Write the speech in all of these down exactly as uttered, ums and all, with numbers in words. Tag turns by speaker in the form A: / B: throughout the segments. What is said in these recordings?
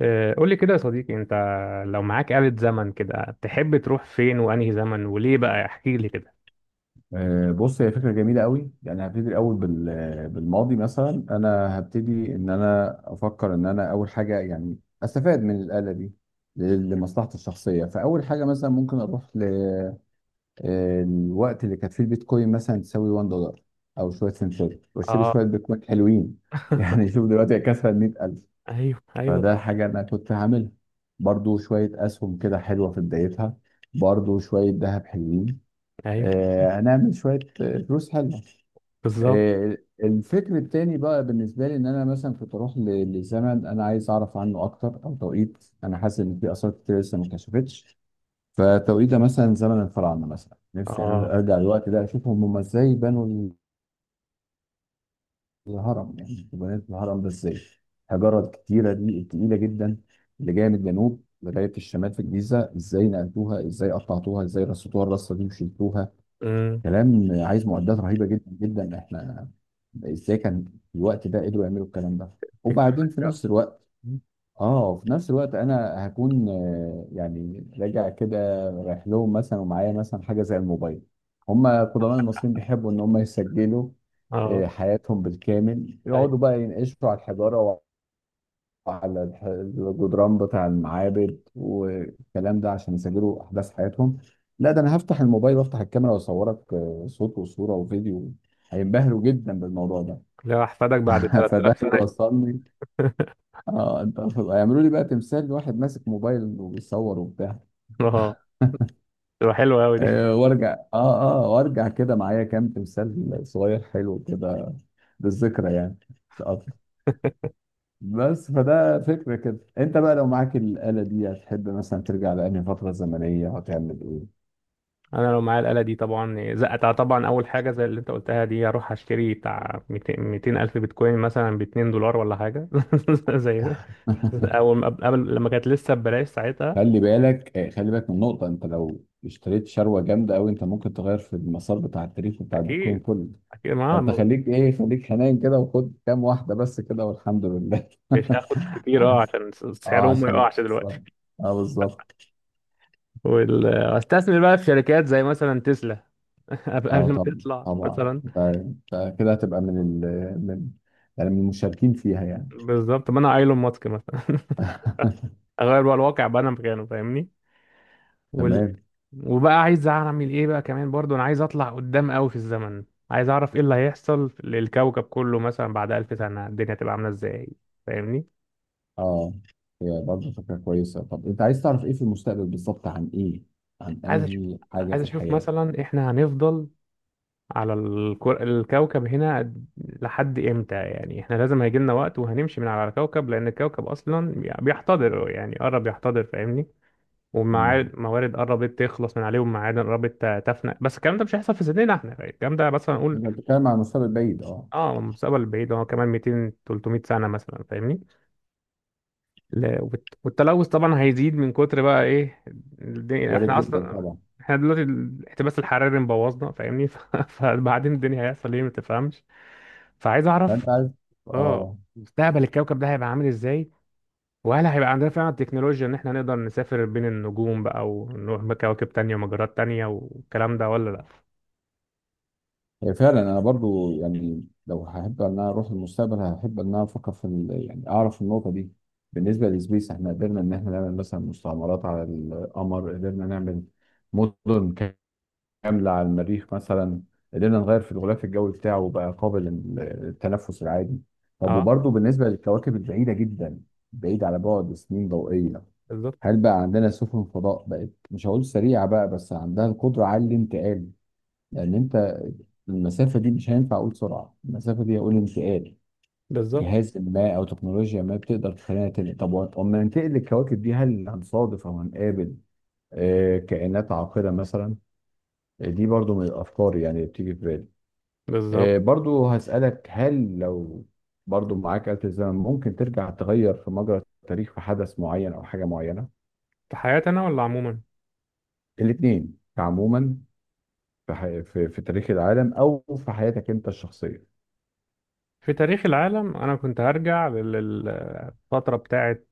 A: آه، قول لي كده يا صديقي، انت لو معاك آلة زمن كده تحب تروح فين وانهي زمن وليه؟ بقى احكي لي كده.
B: آه، بص، هي فكرة جميلة قوي. يعني هبتدي الأول بال- بالماضي. مثلا أنا هبتدي إن أنا أفكر إن أنا أول حاجة يعني أستفاد من الآلة دي ل- لمصلحتي الشخصية. فأول حاجة مثلا ممكن أروح للوقت اللي كانت فيه البيتكوين مثلا تساوي واحد دولار أو شوية سنتات، وأشتري
A: اه.
B: شوية بيتكوين حلوين. يعني شوف دلوقتي هي كسرت مية ألف.
A: ايوه، ايوه،
B: فده
A: طبعا.
B: حاجة أنا كنت هعملها. برضو شوية أسهم كده حلوة في بدايتها، برضو شوية ذهب حلوين.
A: ايوه.
B: آه، هنعمل شوية آه، فلوس حلوة.
A: بالظبط.
B: آه، الفكر التاني بقى بالنسبة لي إن أنا مثلا كنت أروح ل- لزمن أنا عايز أعرف عنه أكتر، أو توقيت أنا حاسس إن في آثار كتير لسه ما اتكشفتش. فتوقيت ده مثلا زمن الفراعنة، مثلا نفسي
A: اه.
B: أنا أرجع الوقت ده أشوف هم إزاي بنوا الهرم. يعني بنيت الهرم ده إزاي؟ الحجارة الكتيرة دي التقيلة جدا اللي جاية من الجنوب لغاية الشمال في الجيزة، إزاي نقلتوها؟ إزاي قطعتوها؟ إزاي رصتوها الرصة دي وشلتوها؟
A: امم.
B: كلام عايز معدات رهيبه جدا جدا. احنا ازاي كان في الوقت ده قدروا يعملوا الكلام ده؟ وبعدين في
A: تكنولوجيا.
B: نفس الوقت، اه، في نفس الوقت انا هكون آه، يعني راجع كده. رايح لهم مثلا ومعايا مثلا حاجه زي الموبايل. هم قدماء المصريين بيحبوا ان هم يسجلوا
A: اه.
B: آه، حياتهم بالكامل،
A: ايوه،
B: يقعدوا بقى ينقشوا على الحجاره، على الح- الجدران بتاع المعابد والكلام ده، عشان يسجلوا احداث حياتهم. لا، ده انا هفتح الموبايل وافتح الكاميرا واصورك، آه، صوت وصوره وفيديو. هينبهروا جدا بالموضوع ده.
A: لو احفادك بعد 3000
B: فده
A: سنة.
B: يوصلني. اه انت، هيعملوا لي بقى تمثال لواحد ماسك موبايل وبيصور وبتاع.
A: اه، تبقى حلوة قوي دي.
B: آه، وارجع اه اه وارجع كده معايا كام تمثال صغير حلو كده، بالذكرى يعني. مش أكتر. بس فده فكرة. كده انت بقى، لو معاك الآلة دي هتحب مثلا ترجع لأنهي فترة زمنية؟ هتعمل ايه؟
A: انا لو معايا الآلة دي طبعا زقتها، طبعا اول حاجة زي اللي انت قلتها دي، اروح اشتري بتاع ميتين ألف الف بيتكوين مثلا، ب اتنين دولار ولا حاجة. زي اول ما قبل لما كانت لسه ببلاش ساعتها.
B: خلي بالك، آه، خلي بالك من نقطة. انت لو اشتريت شروة جامدة قوي، انت ممكن تغير في المسار بتاع التاريخ بتاع البيتكوين
A: اكيد.
B: كله.
A: اكيد معاها
B: فانت
A: الموضوع.
B: خليك ايه، خليك حنين كده وخد كام واحدة بس كده، والحمد لله.
A: مش هاخد كتير، اه عشان س-
B: اه،
A: سعرهم ما
B: عشان ما
A: يقعش
B: تخسرش.
A: دلوقتي.
B: اه، بالظبط.
A: واستثمر بقى في شركات زي مثلا تسلا. قبل
B: اه
A: قبل ما
B: طبعا
A: تطلع
B: طبعا.
A: مثلا.
B: انت انت كده هتبقى من ال من يعني من المشاركين فيها، يعني.
A: بالظبط، ما انا ايلون ماسك مثلا. اغير بقى الواقع، بقى انا مكانه، فاهمني؟ وال...
B: تمام.
A: وبقى عايز اعمل ايه بقى؟ كمان برضو انا عايز اطلع قدام قوي في الزمن. عايز اعرف ايه اللي هيحصل للكوكب كله مثلا بعد ألف سنة، الدنيا تبقى عاملة ازاي، فاهمني؟
B: اه، هي برضه فكرة كويسة. طب انت عايز تعرف ايه في المستقبل بالظبط؟ عن ايه؟ عن
A: عايز اشوف.
B: انهي حاجة
A: عايز
B: في
A: اشوف
B: الحياة؟
A: مثلا احنا هنفضل على الكر... الكوكب هنا لحد امتى، يعني احنا لازم هيجي لنا وقت، وهنمشي من على الكوكب، لان الكوكب اصلا بي- بيحتضر، يعني قرب يحتضر، فاهمني؟
B: مم.
A: والموارد قربت تخلص من عليه، والمعادن قربت ت- تفنى، بس الكلام ده مش هيحصل في سننا احنا، الكلام ده مثلا نقول.
B: انت بتتكلم عن المستقبل بعيد؟ اه،
A: اه المستقبل البعيد هو كمان ميتين تلت ميه سنة مثلا، فاهمني؟ لا- والت- والتلوث طبعا هيزيد من كتر بقى ايه؟ الدنيا،
B: وارد
A: احنا
B: جدا
A: اصلا
B: طبعا.
A: احنا دلوقتي الاحتباس الحراري مبوظنا، فاهمني؟ ف- فبعدين الدنيا هيحصل ايه، ما تفهمش. فعايز اعرف.
B: فانت عايز،
A: اه،
B: اه.
A: مستقبل الكوكب ده هيبقى عامل ازاي، وهل هيبقى عندنا فعلا التكنولوجيا ان احنا نقدر نسافر بين النجوم بقى، ونروح بكواكب تانية ومجرات تانية والكلام ده، ولا لا؟
B: هي فعلا انا برضو يعني لو هحب ان انا اروح للمستقبل، هحب ان انا افكر في ال... يعني اعرف النقطة دي. بالنسبة للسبيس، احنا قدرنا ان احنا نعمل مثلا مستعمرات على القمر، قدرنا نعمل مدن كاملة على المريخ مثلا، قدرنا نغير في الغلاف الجوي بتاعه وبقى قابل للتنفس العادي. طب
A: اه.
B: وبرضه بالنسبة للكواكب البعيدة جدا، بعيد على بعد سنين ضوئية،
A: بالظبط،
B: هل بقى عندنا سفن فضاء بقت، مش هقول سريعة بقى، بس عندها القدرة على الانتقال؟ لأن أنت المسافة دي مش هينفع أقول سرعة، المسافة دي هقول انتقال.
A: بالظبط،
B: جهاز ما أو تكنولوجيا ما بتقدر تخلينا تنقل. طب أما ننتقل للكواكب دي، هل هنصادف أو هنقابل آه، كائنات عاقلة مثلا؟ دي برضو من الأفكار يعني اللي بتيجي في بالي.
A: بالظبط.
B: آه، برضو هسألك، هل لو برضو معاك آلة الزمن، ممكن ترجع تغير في مجرى التاريخ، في حدث معين أو حاجة معينة؟
A: في حياتي انا، ولا عموما؟
B: الاتنين عموما. في, ح... في في تاريخ العالم، أو في حياتك أنت الشخصية.
A: في تاريخ العالم انا كنت هرجع للفترة بتاعت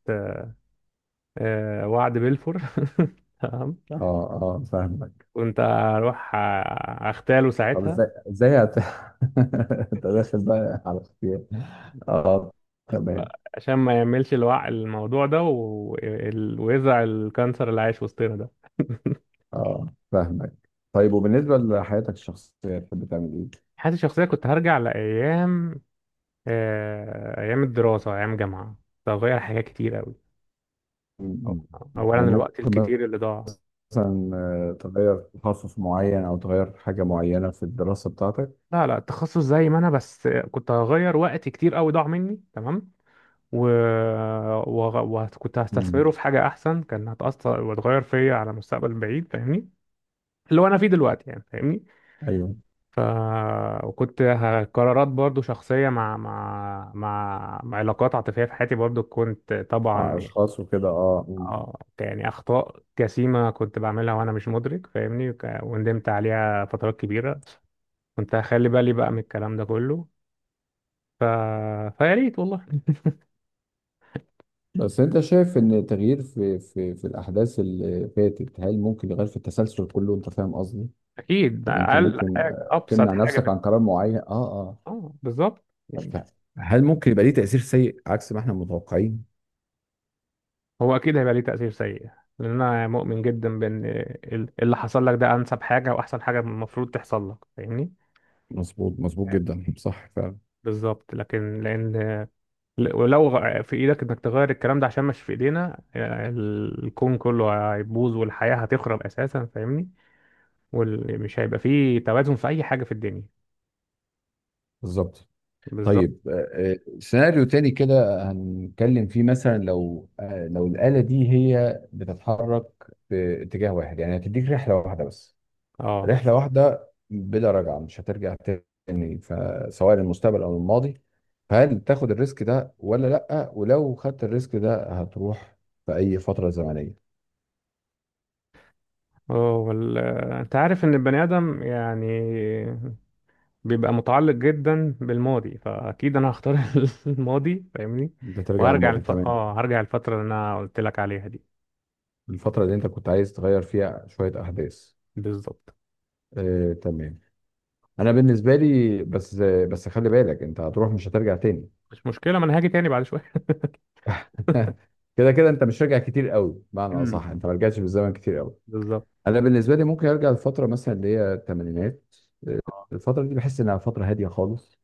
A: آه، وعد بلفور. تمام.
B: اه، اه، فاهمك.
A: كنت هروح آه، اغتاله
B: طب
A: ساعتها.
B: ازاي ازاي هت... انت داخل بقى على اختيار. اه، تمام.
A: عشان ما يعملش الوع الموضوع ده، و... ال- ويزرع الكانسر اللي عايش وسطنا ده.
B: اه، فاهمك. طيب وبالنسبة لحياتك الشخصية، تحب تعمل ايه؟
A: حياتي الشخصية كنت هرجع لأيام، آه، أيام الدراسة، أيام جامعة، كنت هغير حاجات كتير أوي.
B: م- م-
A: أولا
B: يعني
A: الوقت
B: ممكن
A: الكتير اللي ضاع.
B: مثلا آه، تغير تخصص معين او تغير حاجه معينه في الدراسه بتاعتك.
A: لا، لا، التخصص زي ما أنا، بس كنت هغير وقت كتير أوي ضاع مني، تمام. و... وغ- وكنت
B: مم.
A: هستثمره في حاجة أحسن، كان هتأثر وتغير فيا على مستقبل بعيد، فاهمني؟ اللي هو أنا فيه دلوقتي يعني، فاهمني؟
B: ايوه.
A: ف وكنت ه- قرارات برضو شخصية، مع مع مع مع علاقات عاطفية في حياتي، برضو كنت طبعا
B: مع
A: آه. يعني
B: اشخاص وكده، اه. مم.
A: اه يعني أخطاء جسيمة كنت بعملها وأنا مش مدرك، فاهمني؟ وك- وندمت عليها فترات كبيرة. كنت هخلي بالي بقى من الكلام ده كله. ف... فيا ريت والله.
B: بس انت شايف ان التغيير في في في الاحداث اللي فاتت، هل ممكن يغير في التسلسل كله؟ انت فاهم قصدي؟
A: أكيد ده
B: يعني انت
A: أقل
B: ممكن
A: حاجة،
B: آه،
A: أبسط
B: تمنع
A: حاجة في.
B: نفسك عن قرار معين. اه، اه.
A: اه، بالظبط يعني.
B: ف- هل ممكن يبقى ليه تأثير سيء عكس ما احنا متوقعين؟
A: هو اكيد هيبقى ليه تأثير سيء، لان انا مؤمن جدا بان ال- اللي حصل لك ده انسب حاجة، واحسن حاجة المفروض تحصل لك، فاهمني؟
B: مظبوط، مظبوط جدا، صح فعلا.
A: بالظبط، لكن لان ولو غ- في ايدك انك تغير الكلام ده، عشان مش في ايدينا، ال- الكون كله هيبوظ والحياة هتخرب اساسا، فاهمني؟ ومش هيبقى فيه توازن في اي حاجة في الدنيا.
B: بالظبط.
A: بالظبط.
B: طيب آه، آه، سيناريو تاني كده هنتكلم فيه. مثلا لو آه، لو الآلة دي هي بتتحرك في اتجاه واحد، يعني هتديك رحلة واحدة بس،
A: اه،
B: رحلة واحدة بلا رجعة، مش هترجع تاني، فسواء للمستقبل أو الماضي. فهل تاخد الريسك ده ولا لأ؟ ولو خدت الريسك ده، هتروح في أي فترة زمنية؟
A: اه، وال... انت عارف ان البني ادم يعني بيبقى متعلق جدا بالماضي، فاكيد انا هختار الماضي، فاهمني؟
B: انت ترجع
A: وهرجع
B: الماضي.
A: لف...
B: تمام.
A: اه هرجع الفتره اللي انا قلت لك عليها دي.
B: الفترة اللي انت كنت عايز تغير فيها شوية أحداث؟
A: بالظبط.
B: آه، تمام. انا بالنسبه لي، بس، بس خلي بالك، انت هتروح مش هترجع تاني.
A: مش مشكله، ما انا هاجي تاني بعد شويه.
B: كده كده انت مش راجع كتير قوي. بمعنى
A: امم.
B: اصح، انت ما رجعتش بالزمن كتير قوي.
A: بالظبط.
B: انا بالنسبه لي ممكن ارجع لفتره مثلا اللي هي الثمانينات.
A: اه،
B: الفتره دي بحس انها فتره هاديه خالص.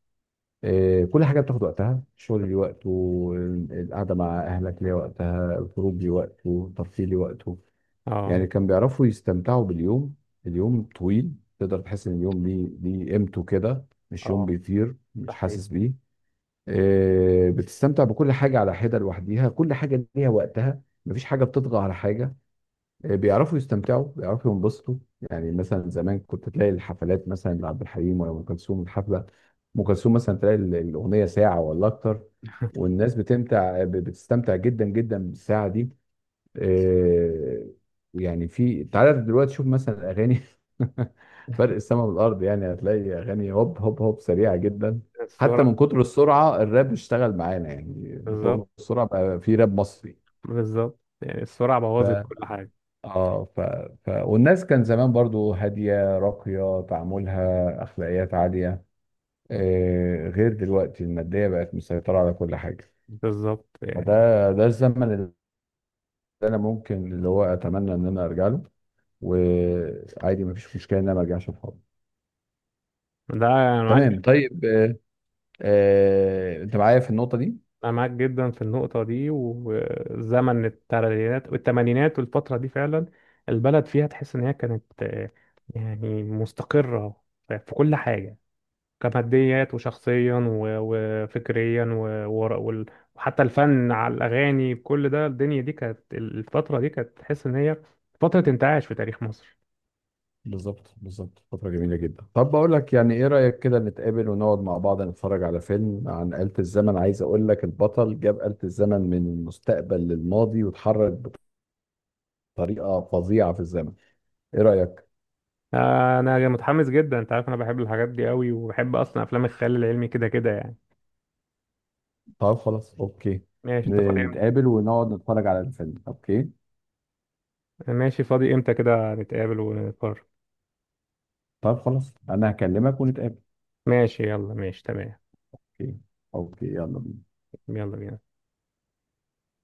B: إيه، كل حاجه بتاخد وقتها. الشغل ليه وقته، القعده مع اهلك ليه وقتها، الخروج ليه وقته، الترفيه ليه وقته.
A: اه،
B: يعني كان بيعرفوا يستمتعوا باليوم. اليوم طويل، تقدر تحس ان اليوم ليه ليه قيمته كده. مش يوم
A: اه.
B: بيطير
A: ده
B: مش
A: حقيقي.
B: حاسس بيه. آه، بتستمتع بكل حاجة على حدة لوحديها. كل حاجة ليها وقتها، مفيش حاجة بتطغى على حاجة. آه، بيعرفوا يستمتعوا، بيعرفوا ينبسطوا. يعني مثلا زمان كنت تلاقي الحفلات، مثلا لعبد الحليم ولا أم كلثوم، الحفلة أم كلثوم مثلا تلاقي ال- الأغنية ساعة ولا أكتر. والناس بتمتع ب- بتستمتع جدا جدا بالساعة دي. آه، يعني في، تعالى دلوقتي شوف مثلا الاغاني. فرق السما والارض. يعني هتلاقي اغاني هوب هوب هوب، سريعه جدا. حتى
A: السرعه.
B: من كتر السرعه، الراب اشتغل معانا يعني. من كتر
A: بالظبط.
B: السرعه بقى في راب مصري.
A: بالظبط، يعني السرعه
B: ف
A: بوظت كل حاجه.
B: اه ف... ف والناس كان زمان برضو هاديه راقيه، تعاملها اخلاقيات عاليه. آه، غير دلوقتي الماديه بقت مسيطره على كل حاجه.
A: بالظبط يعني.
B: فده ده الزمن اللي انا ممكن، اللي هو، اتمنى ان انا ارجع له. وعادي مفيش مشكله ان انا ما ارجعش بحاضر.
A: ده انا معاك.
B: تمام. طيب آه، آه، انت معايا في النقطه دي؟
A: أنا معاك جدا في النقطة دي، وزمن التلاتينات والتمانينات والفترة دي فعلا، البلد فيها تحس إن هي كانت آه، يعني مستقرة في في كل حاجة، كماديات وشخصيا و- وفكريا و- ور- وال- وحتى الفن على الأغاني كل ده، الدنيا دي كانت، الفترة دي كانت تحس إن هي فترة انتعاش في تاريخ مصر.
B: بالظبط، بالظبط. فتره جميله جدا. طب بقول لك يعني، ايه رايك كده نتقابل ونقعد مع بعض نتفرج على فيلم عن آلة الزمن؟ عايز اقول لك البطل جاب آلة الزمن من المستقبل للماضي، واتحرك بطريقه فظيعه في الزمن. ايه رايك؟
A: آه، أنا متحمس جدا، أنت عارف أنا بحب الحاجات دي قوي، وبحب أصلا أفلام الخيال العلمي كده كده يعني.
B: طب خلاص، اوكي.
A: ماشي، أنت
B: ن-
A: فاضي؟
B: نتقابل ونقعد نتفرج على الفيلم، اوكي.
A: ماشي، فاضي امتى كده نتقابل ونقرر؟
B: طب خلاص انا هكلمك ونتقابل.
A: ماشي، يلا ماشي تمام.
B: اوكي. اوكي، يلا بينا.
A: يلا بينا.